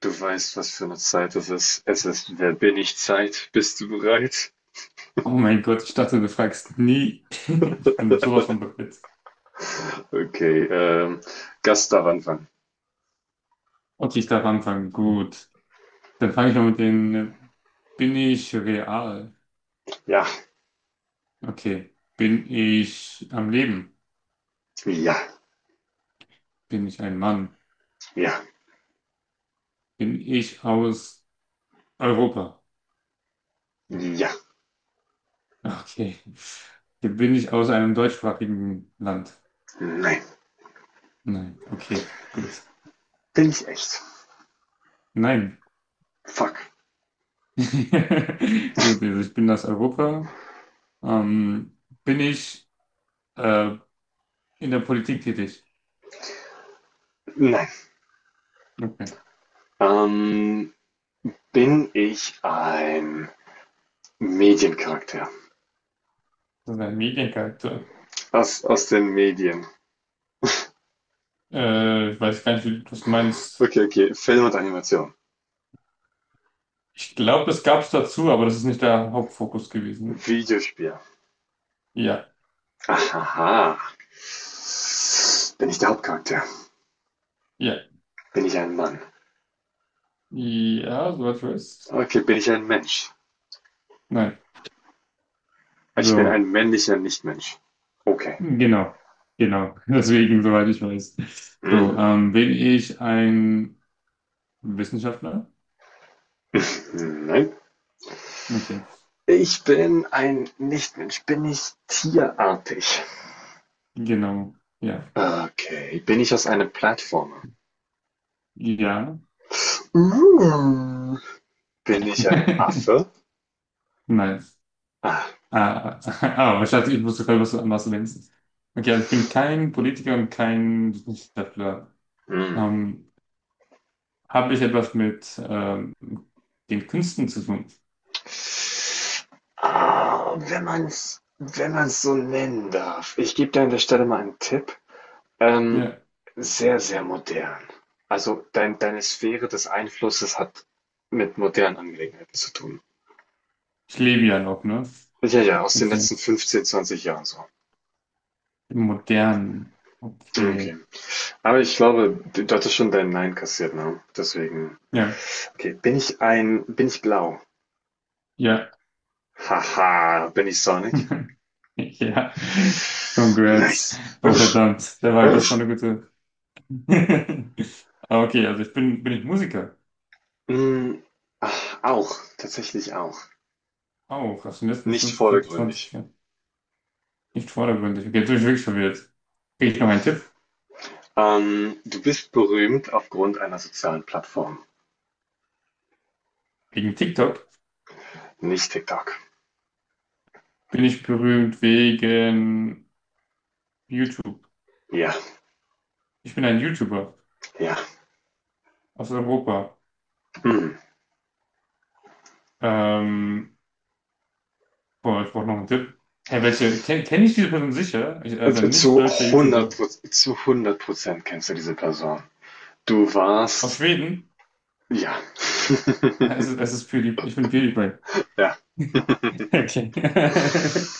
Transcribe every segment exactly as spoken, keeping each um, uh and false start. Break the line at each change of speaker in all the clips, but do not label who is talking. Du weißt, was für eine Zeit es ist. Es ist „Wer bin ich" Zeit. Bist du bereit?
Oh mein Gott, ich dachte, du fragst nie. Ich bin sowas von bereit.
Okay, ähm, Gast darf anfangen.
Okay, ich darf anfangen. Gut. Dann fange ich mal mit den. Äh, Bin ich real?
Ja,
Okay. Bin ich am Leben?
ja,
Bin ich ein Mann?
ja,
Bin ich aus Europa?
ja,
Okay. Okay, bin ich aus einem deutschsprachigen Land?
nein.
Nein. Okay, gut.
Bin ich echt?
Nein.
Fuck.
Gut, also ich bin aus Europa. Ähm, bin ich äh, in der Politik tätig?
Nein.
Okay.
Ähm, bin ich ein Mediencharakter?
Das ist ein Mediencharakter.
Aus aus den Medien.
Äh, ich weiß gar nicht, wie du das meinst.
Okay, okay, Film und Animation.
Ich glaube, das gab es dazu, aber das ist nicht der Hauptfokus gewesen.
Videospiel.
Ja,
Aha. Bin ich der Hauptcharakter?
ja,
Bin ich ein Mann?
ja, soweit ich weiß.
Okay, bin ich ein Mensch?
Nein.
Also Ich bin
So,
ein männlicher Nichtmensch. Okay.
genau, genau. Deswegen, soweit ich weiß. So,
Mm,
ähm, bin ich ein Wissenschaftler?
nein.
Okay,
Ich bin ein Nichtmensch. Bin ich tierartig?
genau, ja.
Okay. Bin ich aus einer Plattformer?
Ja.
Mm. Bin ich ein Affe?
Nein.
Ah.
Ah, ah, ich hatte, ich wusste gerade, was du was du denkst. Okay, also ich bin kein Politiker und kein Wissenschaftler.
Mm.
Ähm, habe ich etwas mit ähm, den Künsten zu tun?
Ah, wenn man es wenn man's so nennen darf. Ich gebe dir an der Stelle mal einen Tipp. Ähm,
Ja,
sehr, sehr modern. Also dein, deine Sphäre des Einflusses hat mit modernen Angelegenheiten zu tun.
ich lebe ja noch, ne?
Ja, ja, aus den
Okay.
letzten fünfzehn zwanzig Jahren so.
Im Modernen.
Okay.
Okay.
Aber ich glaube, du du hattest schon dein Nein kassiert, ne? Deswegen.
Ja,
Okay, bin ich ein, bin ich blau?
ja.
Haha, bin ich Sonic?
Ja. Congrats.
Nice.
Oh,
Husch,
verdammt. Der war, das ist doch
husch.
eine gute. Ah, okay, also ich bin, bin ich Musiker.
Mm, ach, auch, tatsächlich auch.
Auch aus den letzten
Nicht
fünfzehn,
vordergründig.
zwanzig Jahren. Nicht vordergründig. Okay, jetzt bin ich wirklich verwirrt. Kriege ich noch einen Tipp?
Ähm, du bist berühmt aufgrund einer sozialen Plattform.
Wegen TikTok
Nicht TikTok.
bin ich berühmt wegen YouTube.
Ja,
Ich bin ein YouTuber.
ja.
Aus Europa.
Hm.
Ähm, boah, ich brauche noch einen Tipp. Hey, welche? Kenne kenn kenn ich diese Person sicher? Ich, also ein
Und
nicht
Zu
deutscher
100
YouTuber.
zu hundert Prozent kennst du diese Person. Du
Aus
warst.
Schweden?
Ja.
Es ist, es ist PewDiePie. Ich bin PewDiePie.
Ja.
Okay.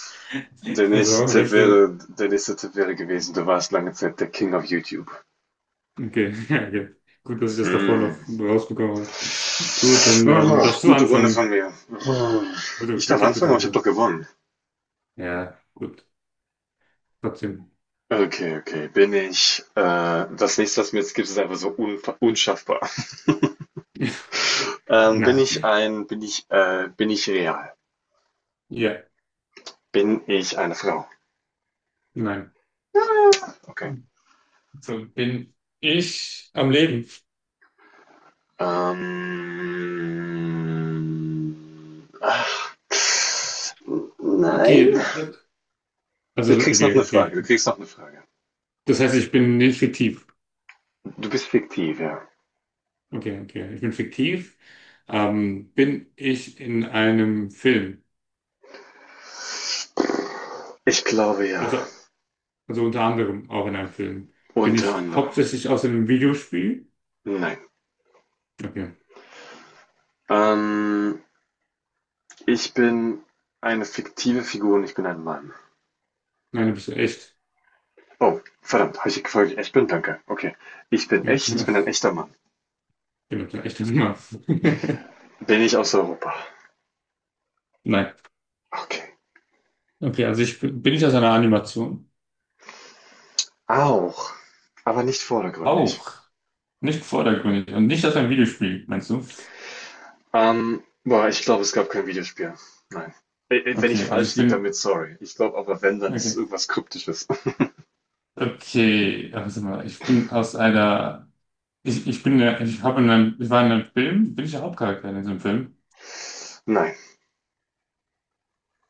Der nächste
Also,
Tipp
welche?
wäre der nächste Tipp wäre gewesen, du warst lange Zeit der King of YouTube.
Okay, ja, okay. Gut, dass ich das davor
Mm.
noch rausbekommen habe. Gut, dann ähm,
Oh,
darfst du
gute Runde
anfangen.
von mir. Oh. Ich
Gute,
darf
wirklich gute
anfangen, aber ich habe doch
Runde.
gewonnen.
Ja, gut. Trotzdem.
Okay, okay. Bin ich, äh, das nächste, was mir jetzt gibt, ist einfach so unfa- unschaffbar. Ähm, bin
Nein.
ich ein, bin ich, äh, bin ich real?
Ja,
Bin ich eine Frau?
nein.
Ja. Okay.
So bin ich am Leben.
Ähm, ach,
Okay,
nein.
äh, also
Du kriegst
okay,
noch eine Frage, du
okay.
kriegst noch eine Frage.
Das heißt, ich bin nicht fiktiv.
Du bist fiktiv, ja.
Okay, okay. Ich bin fiktiv. Ähm, bin ich in einem Film?
Ich glaube ja.
Also, also unter anderem auch in einem Film. Bin
Unter
ich
anderem.
hauptsächlich aus einem Videospiel?
Nein.
Okay.
Ähm, ich bin eine fiktive Figur und ich bin ein Mann.
Nein, du bist ja echt.
Oh, verdammt, habe ich gefragt, ich echt bin? Danke. Okay. Ich bin
Ja,
echt,
genau,
ich
ja.
bin ein echter Mann.
Bin doch ein echter Mann.
Bin ich aus Europa?
Nein.
Okay.
Okay, also ich bin bin ich aus einer Animation?
Auch. Aber nicht vordergründig.
Auch. Nicht vordergründig und nicht aus einem Videospiel, meinst du?
Ähm, boah, ich glaube, es gab kein Videospiel. Nein. Äh, äh, Wenn ich
Okay, also
falsch
ich
liege,
bin.
damit sorry. Ich glaube aber, wenn, dann ist es
Okay.
irgendwas Kryptisches.
Okay, also warte mal, ich bin aus einer. Ich, ich bin der, ich habe in einem, ich war in einem Film, bin ich der Hauptcharakter in diesem Film?
Nein.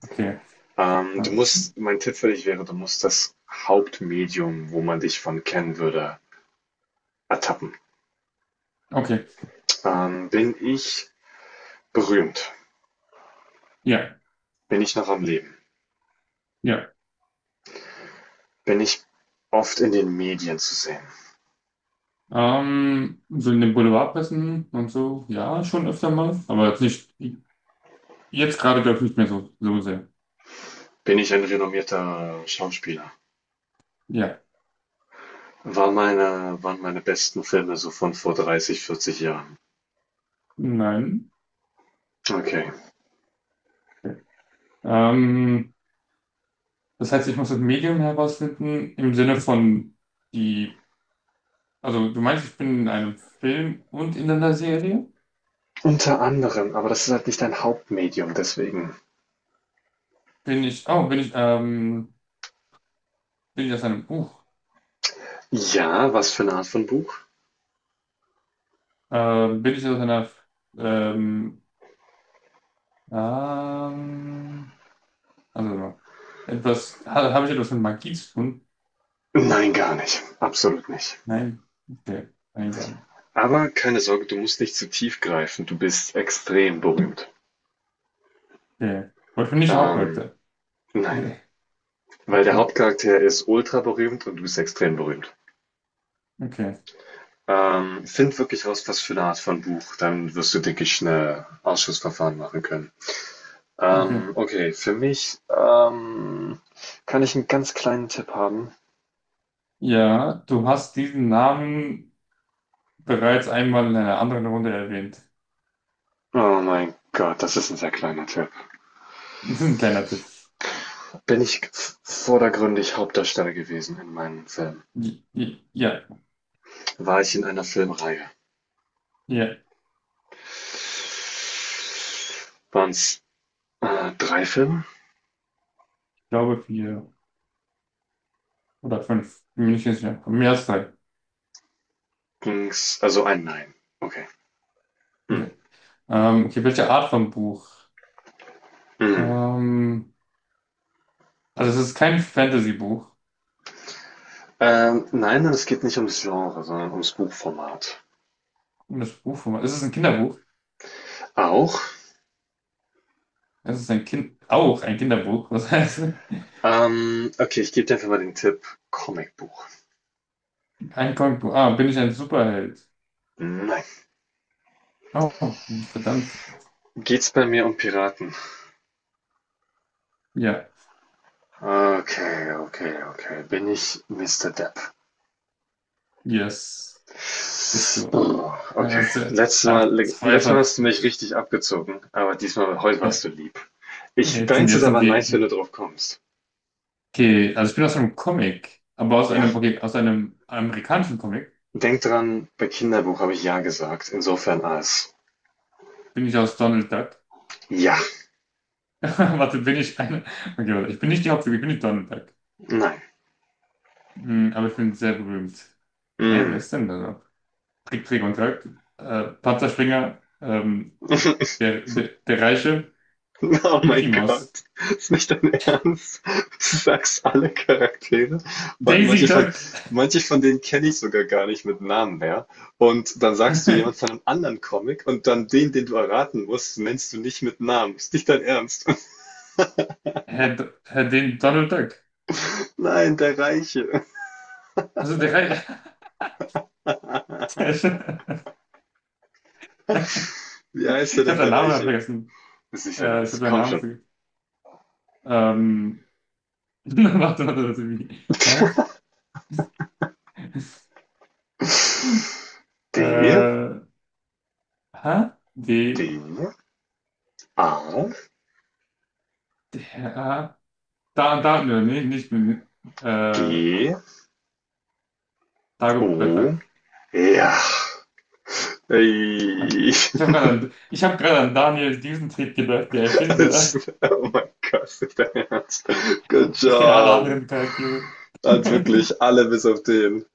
Okay.
Ähm, du
Ja.
musst, mein Tipp für dich wäre, du musst das Hauptmedium, wo man dich von kennen würde, ertappen.
Okay.
Ähm, bin ich berühmt?
Ja,
Bin ich noch am Leben?
ja.
Bin ich oft in den Medien zu sehen?
Ähm, so in den Boulevardpressen und so, ja, schon öfter mal, aber jetzt nicht, jetzt gerade glaube ich nicht mehr so, so sehr.
Bin ich ein renommierter Schauspieler?
Ja.
Waren meine, waren meine besten Filme so von vor dreißig, vierzig Jahren?
Nein.
Okay.
Okay. Ähm, das heißt, ich muss das Medium herausfinden im Sinne von die, also du meinst, ich bin in einem Film und in einer Serie?
Unter anderem, aber das ist halt nicht dein Hauptmedium, deswegen.
Bin ich, oh, bin ich, ähm, bin ich aus einem Buch?
Ja, was für eine Art von Buch?
Ähm, bin ich aus einer, ähm, ähm, also etwas, ha, habe ich etwas mit Magie zu tun?
Nein, gar nicht. Absolut nicht.
Nein. Okay, eigentlich an.
Aber keine Sorge, du musst nicht zu tief greifen. Du bist extrem berühmt.
Okay. Aber ich bin nicht der
Ähm,
Hauptcharakter.
nein,
Nee.
weil der Hauptcharakter ist ultra berühmt und du bist extrem berühmt.
Okay,
Ähm, find wirklich raus, was für eine Art von Buch. Dann wirst du, denke ich, schnell Ausschussverfahren machen können.
okay.
Ähm, okay, für mich ähm, kann ich einen ganz kleinen Tipp haben.
Ja, du hast diesen Namen bereits einmal in einer anderen Runde erwähnt.
Oh mein Gott, das ist ein sehr kleiner Tipp.
Das ist ein kleiner Tipp.
Bin ich vordergründig Hauptdarsteller gewesen in meinem Film?
J- j- Ja,
War ich in einer Filmreihe?
ja,
Waren's, äh, drei Filme?
ich glaube vier oder fünf. Bin mir nicht ganz sicher. Mehr als drei.
Ging's also ein nein, okay. Mhm.
Okay. Ähm, okay, welche Art von Buch?
Mhm.
Ähm, Also es ist kein Fantasy-Buch.
Ähm, nein, es geht nicht ums Genre, sondern ums Buchformat.
Komisches Buch, wo man- es ist ein Kinderbuch.
Auch?
Es ist ein Kind, auch ein Kinderbuch. Was heißt
Ähm, okay, ich gebe dir einfach mal den Tipp Comicbuch.
ein Comicbuch? Ah, bin ich ein Superheld?
Nein.
Oh, verdammt.
Geht's bei mir um Piraten?
Ja,
Okay, okay, okay. Bin ich mister Depp?
yes, bist du.
Oh, okay.
Also,
Letztes Mal,
ah, zwei
letztes Mal
von.
hast du mich richtig abgezogen, aber diesmal, heute warst
Ja,
du lieb. Ich,
jetzt sind,
deins ist
jetzt sind
aber nice, wenn du
wir.
drauf kommst.
Okay, also ich bin aus einem Comic, aber aus
Ja,
einem, okay, aus einem amerikanischen Comic
denk dran, bei Kinderbuch habe ich ja gesagt. Insofern als
bin ich aus Donald Duck.
ja,
Warte, bin ich eine. Okay, warte, ich bin nicht die Hauptfigur, ich bin nicht Donald Duck.
nein,
Hm, aber ich bin sehr berühmt. Hä, wer
mm.
ist denn da noch? Trick, Trick und Track. Äh, Panzerspringer, ähm, der, der, der Reiche,
Oh mein
Mickey Mouse.
Gott, ist nicht dein Ernst? Du sagst alle Charaktere, weil
Daisy
manche von,
Duck.
manche von denen kenne ich sogar gar nicht mit Namen mehr. Und dann sagst du
Herr,
jemand von einem anderen Comic und dann den, den du erraten musst, nennst du nicht mit Namen. Ist nicht dein Ernst?
Do- Herr den Donald Duck.
Nein, der Reiche.
Also der Reiche. Sehr schön.
Wie heißt er
Ich habe
denn
seinen
der
Namen gerade
Reiche?
vergessen.
Ist nicht dein
Äh, ich habe
Ernst.
seinen
Komm
Namen
schon.
vergessen. Ähm, warte, warte, warte. wie- Hä?
D,
Äh, hä? D,
D, A,
D, A. Da, da, nee, nicht mit, äh,
G,
Dagobert
O,
Duck.
ja. Ey,
Ich habe gerade an, ich hab grad an Daniel Düsentrieb gedacht, der Erfinder.
oh mein Gott, nicht dein Ernst. Good
Ich kenne alle
job.
anderen Charaktere.
Hat wirklich alle bis auf den.